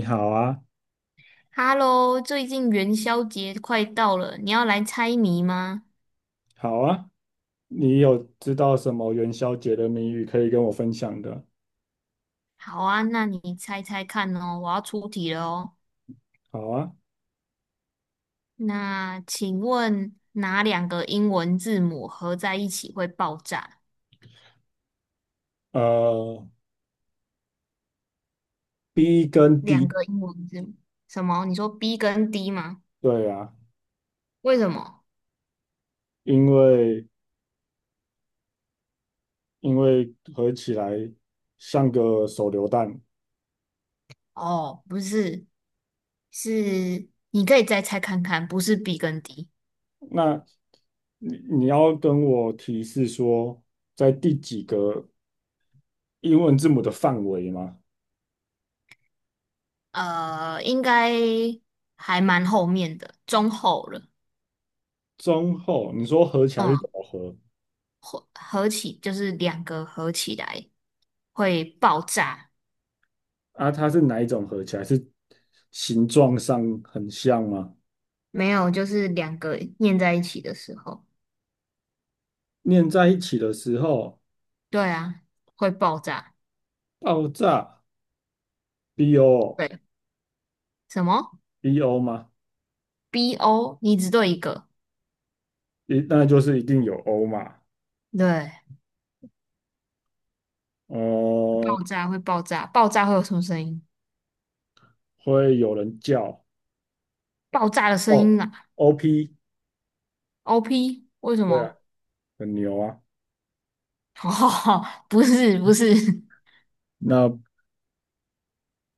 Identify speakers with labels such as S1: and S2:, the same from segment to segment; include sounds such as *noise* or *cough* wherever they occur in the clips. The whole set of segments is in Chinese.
S1: 你好啊。
S2: Hello，最近元宵节快到了，你要来猜谜吗？
S1: 好啊，你有知道什么元宵节的谜语可以跟我分享的？
S2: 好啊，那你猜猜看哦，我要出题了哦。
S1: 好啊。
S2: 那请问哪两个英文字母合在一起会爆炸？
S1: 呃，B 跟
S2: 两
S1: D。
S2: 个英文字母，什么？你说 B 跟 D 吗？
S1: 对啊，
S2: 为什么？
S1: 因为因为合起来像个手榴弹。
S2: 哦，不是，是你可以再猜看看，不是 B 跟 D。
S1: 那你要跟我提示说，在第几个英文字母的范围吗？
S2: 应该还蛮后面的，中后了。
S1: 中后，你说合起来是
S2: 嗯。
S1: 怎么合
S2: 合起就是两个合起来会爆炸，
S1: 啊？它是哪一种合起来？是形状上很像吗？
S2: 没有，就是两个念在一起的时候，
S1: 念在一起的时候。
S2: 对啊，会爆炸。
S1: 爆炸 BO，
S2: 对，什么
S1: BO 吗？
S2: BO？你只对一个。
S1: 一那就是一定有 O 嘛。
S2: 对，
S1: 哦、
S2: 爆炸会爆炸，爆炸会有什么声音？
S1: 会有人叫
S2: 爆炸的声
S1: 哦
S2: 音啊
S1: OP。
S2: ，OP 为什
S1: 对啊，
S2: 么？
S1: 很牛啊。
S2: *laughs* 哦，不是不是，
S1: 那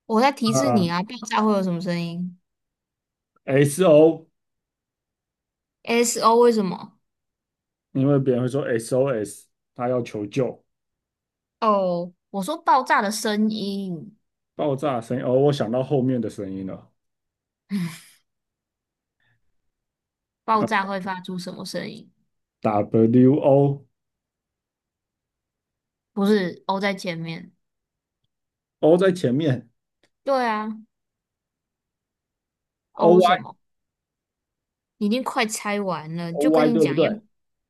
S2: 我在提示
S1: 啊、
S2: 你啊，爆炸会有什么声音
S1: SO，
S2: ？SO 为什么？
S1: 因为别人会说 SOS，他要求救。
S2: 哦，我说爆炸的声音，
S1: 爆炸声音。哦，我想到后面的声音了。呃
S2: 爆炸会发出什么声音？
S1: WO O，
S2: 不是 O 在前面。
S1: O 在前面
S2: 对啊，O
S1: ，OY，
S2: 什么？你已经快猜完了，就跟
S1: OY
S2: 你
S1: 对不
S2: 讲要，
S1: 对？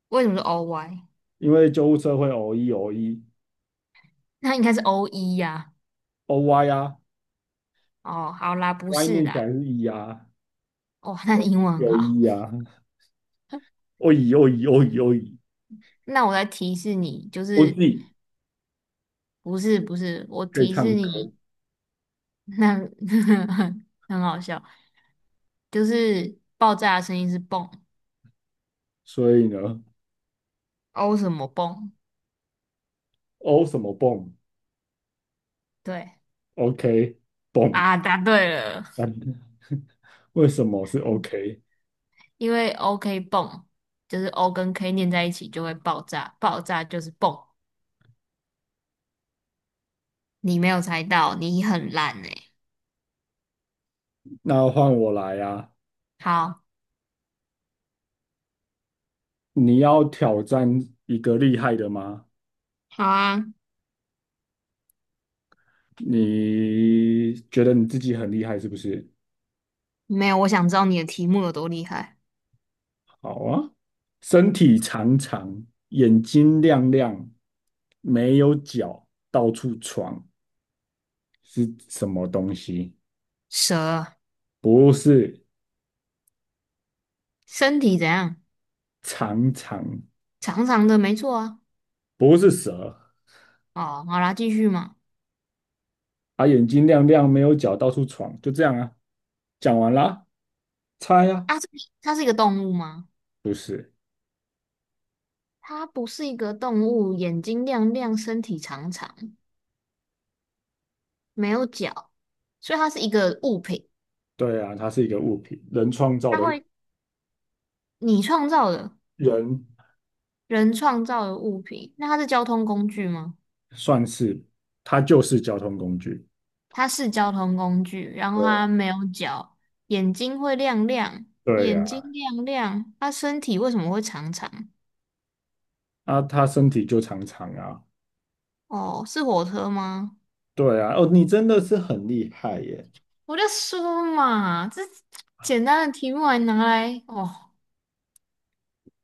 S2: 为什么是 OY？
S1: 因为救护车会 O E O E，
S2: *laughs* 那应该是 o 一呀、
S1: OY 啊
S2: 哦，好啦，不
S1: ，Y
S2: 是
S1: 念起来
S2: 啦。
S1: 是 E 啊，
S2: 哦，*laughs* 那你英文很
S1: 有
S2: 好。
S1: E 啊。哦咦哦咦哦咦哦咦，
S2: 那我来提示你，就
S1: 我自
S2: 是，
S1: 己
S2: 不是不是，我
S1: 可以
S2: 提示
S1: 唱歌。
S2: 你。那 *laughs* 很好笑，就是爆炸的声音是蹦
S1: 所以呢，
S2: ，O 什么蹦？
S1: 哦什么蹦
S2: 对
S1: ，OK 蹦。
S2: 啊，答对了。
S1: *laughs* 为什么是 OK？
S2: 因为 OK 泵，就是 O 跟 K 念在一起就会爆炸，爆炸就是泵。你没有猜到，你很烂哎、
S1: 那换我来啊，
S2: 好，
S1: 你要挑战一个厉害的吗？
S2: 好啊，
S1: 你觉得你自己很厉害是不是？
S2: 没有，我想知道你的题目有多厉害。
S1: 好啊，身体长长，眼睛亮亮，没有脚，到处闯，是什么东西？
S2: 蛇，
S1: 不是。
S2: 身体怎样？
S1: 长长。
S2: 长长的，没错啊。
S1: 不是蛇，
S2: 哦，好啦，继续嘛。
S1: 它眼睛亮亮，没有脚，到处闯，就这样啊。讲完啦，猜呀、
S2: 啊，这，它是一个动物吗？
S1: 不是，
S2: 它不是一个动物，眼睛亮亮，身体长长，没有脚，所以它是一个物品。
S1: 对啊，它是一个物品，人创造
S2: 它
S1: 的物。
S2: 会，你创造的，
S1: 人
S2: 人创造的物品。那它是交通工具吗？
S1: 算是，它就是交通工具。
S2: 它是交通工具，然后
S1: 对啊。
S2: 它没有脚，眼睛会亮亮，
S1: 对呀、
S2: 眼睛亮亮，它身体为什么会长长？
S1: 啊，啊它身体就长长啊。
S2: 哦，是火车吗？
S1: 对啊，哦，你真的是很厉害耶。
S2: 我就说嘛，这简单的题目还拿来哦，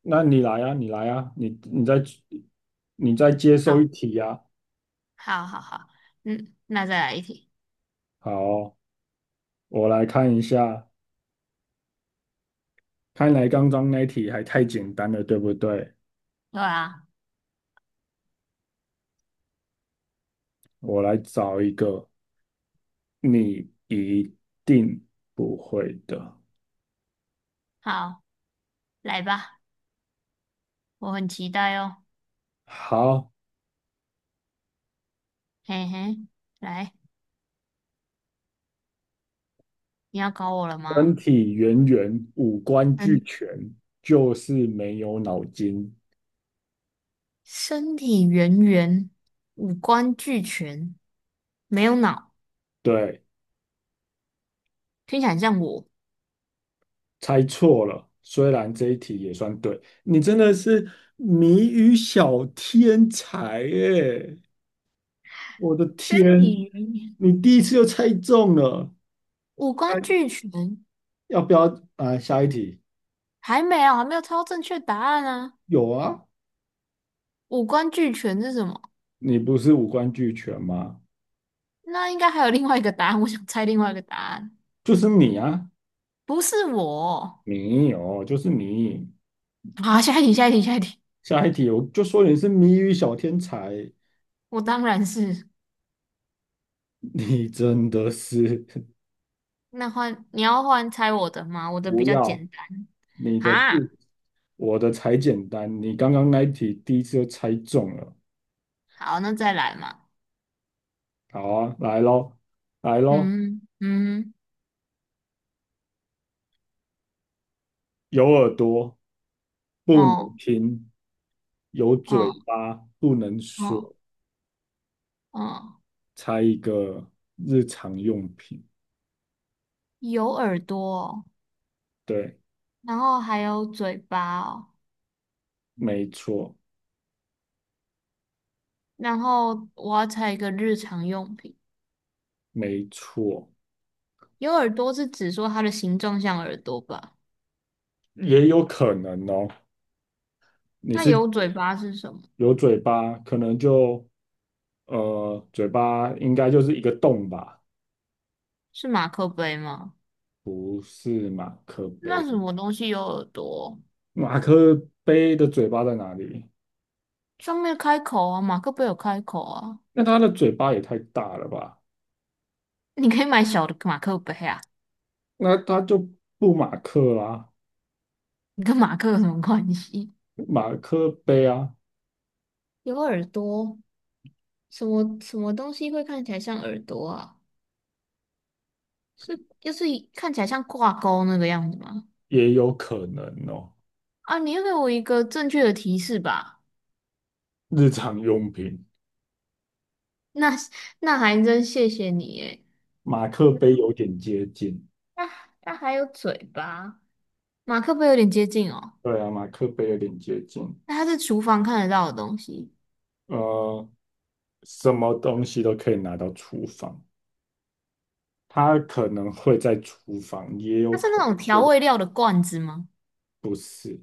S1: 那你来啊，你来啊，你你再接受
S2: 好，
S1: 一题啊。
S2: 好，好，好，嗯，那再来一题，
S1: 好，我来看一下，看来刚刚那题还太简单了，对不对？
S2: 对啊，
S1: 我来找一个你一定不会的。
S2: 好，来吧，我很期待哦，
S1: 好，
S2: 嘿嘿，来，你要搞我了
S1: 身
S2: 吗？
S1: 体圆圆，五官俱
S2: 嗯，
S1: 全，就是没有脑筋。
S2: 身体圆圆，五官俱全，没有脑。
S1: 对，
S2: 听起来很像我。
S1: 猜错了。虽然这一题也算对，你真的是谜语小天才耶！我的
S2: 身
S1: 天，
S2: 体语言，
S1: 你第一次就猜中了。
S2: 五
S1: 哎，
S2: 官俱全，
S1: 要不要啊？下一题
S2: 还没有，还没有猜到正确答案啊！
S1: 有啊，
S2: 五官俱全是什么？
S1: 你不是五官俱全吗？
S2: 那应该还有另外一个答案，我想猜另外一个答案，
S1: 就是你啊。
S2: 不是我。
S1: 没有，就是你。
S2: 好，下一题，下一题，下一题。
S1: 下一题，我就说你是谜语小天才，
S2: 我当然是。
S1: 你真的是。
S2: 那换你要换猜我的吗？我
S1: *laughs*
S2: 的比
S1: 不
S2: 较
S1: 要，
S2: 简单。
S1: 你的
S2: 啊，
S1: 不，我的才简单。你刚刚那一题第一次就猜中了。
S2: 好，那再来嘛。
S1: 好啊，来喽，来喽，
S2: 嗯嗯，
S1: 有耳朵不能
S2: 哦
S1: 听，有嘴
S2: 哦
S1: 巴不能
S2: 哦
S1: 说，
S2: 哦，
S1: 猜一个日常用品。
S2: 有耳朵哦，
S1: 对。
S2: 然后还有嘴巴哦。
S1: 没错。
S2: 然后我要猜一个日常用品。
S1: 没错。
S2: 有耳朵是指说它的形状像耳朵吧？
S1: 也有可能哦。你
S2: 那
S1: 是
S2: 有嘴巴是什么？
S1: 有嘴巴，可能就嘴巴应该就是一个洞吧？
S2: 是马克杯吗？
S1: 不是马克
S2: 那
S1: 杯，
S2: 什么东西有耳朵？
S1: 马克杯的嘴巴在哪里？
S2: 上面开口啊，马克杯有开口啊。
S1: 那它的嘴巴也太大了吧？
S2: 你可以买小的马克杯啊，
S1: 那它就不马克啦，
S2: 你跟马克有什么关系？
S1: 马克杯啊。
S2: 有耳朵，什么什么东西会看起来像耳朵啊？是就是看起来像挂钩那个样子吗？
S1: 也有可能哦。
S2: 啊，你要给我一个正确的提示吧。
S1: 日常用品，
S2: 那那还真谢谢你诶。
S1: 马克
S2: 那
S1: 杯有点接近。
S2: 那那还有嘴巴，马克杯有点接近哦。
S1: 对啊，马克杯有点接近。
S2: 那它是厨房看得到的东西，
S1: 呃，什么东西都可以拿到厨房，它可能会在厨房，也
S2: 它
S1: 有
S2: 是
S1: 可
S2: 那
S1: 能
S2: 种调
S1: 不。
S2: 味料的罐子吗？
S1: 不是。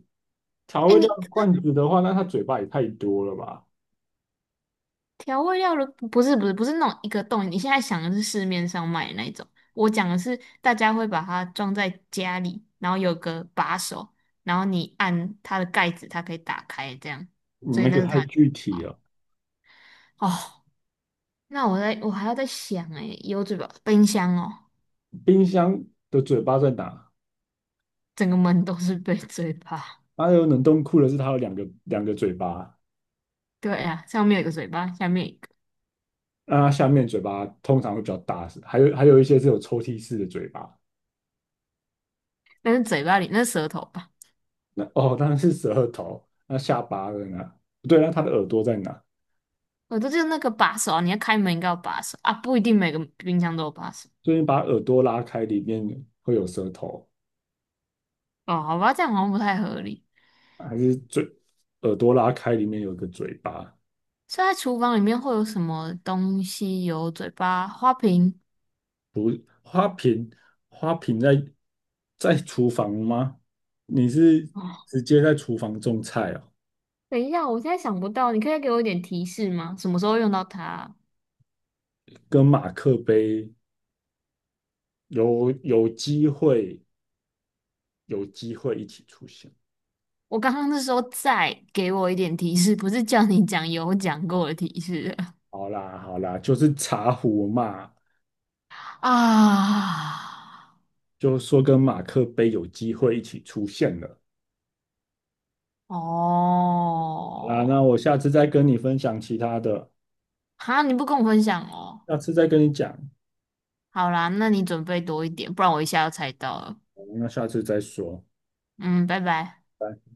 S1: 调
S2: 哎，
S1: 味料
S2: 你
S1: 罐子的话，那它嘴巴也太多了吧？
S2: 调味料的不是不是不是那种一个洞，你现在想的是市面上卖的那一种，我讲的是大家会把它装在家里，然后有个把手，然后你按它的盖子，它可以打开这样，
S1: 你
S2: 所以
S1: 那
S2: 那
S1: 个
S2: 是
S1: 太
S2: 它的
S1: 具体了。
S2: 哦。那我在我还要再想哎，有嘴巴，冰箱哦，
S1: 冰箱的嘴巴在哪？
S2: 整个门都是被嘴巴。
S1: 还有冷冻库的是它有两个嘴巴，
S2: 对呀、上面有一个嘴巴，下面有一个，
S1: 那它下面嘴巴通常会比较大，是还有还有一些是有抽屉式的嘴巴。
S2: 但是嘴巴里那是舌头吧？
S1: 那哦，当然是舌头。那下巴在哪？不对，那它的耳朵在哪？
S2: 我这就是那个把手啊，你要开门应该有把手啊，不一定每个冰箱都有把手
S1: 所以你把耳朵拉开，里面会有舌头。
S2: 哦。好吧，这样好像不太合理。
S1: 还是嘴？耳朵拉开，里面有个嘴巴。
S2: 所以在厨房里面会有什么东西有嘴巴？花瓶
S1: 不，花瓶，花瓶在在厨房吗？你是
S2: 哦，
S1: 直接在厨房种菜哦，
S2: 等一下，我现在想不到，你可以给我一点提示吗？什么时候用到它啊？
S1: 跟马克杯有机会有机会一起出现。
S2: 我刚刚是说再给我一点提示，不是叫你讲有讲过的提示啊。
S1: 好啦好啦，就是茶壶嘛，就说跟马克杯有机会一起出现了。好啦，那
S2: 哦，
S1: 我下次再跟你分享其他的，
S2: 哈，你不跟我分享哦。
S1: 下次再跟你讲，
S2: 好啦，那你准备多一点，不然我一下要猜到了。
S1: 那下次再说。
S2: 嗯，拜拜。
S1: 拜。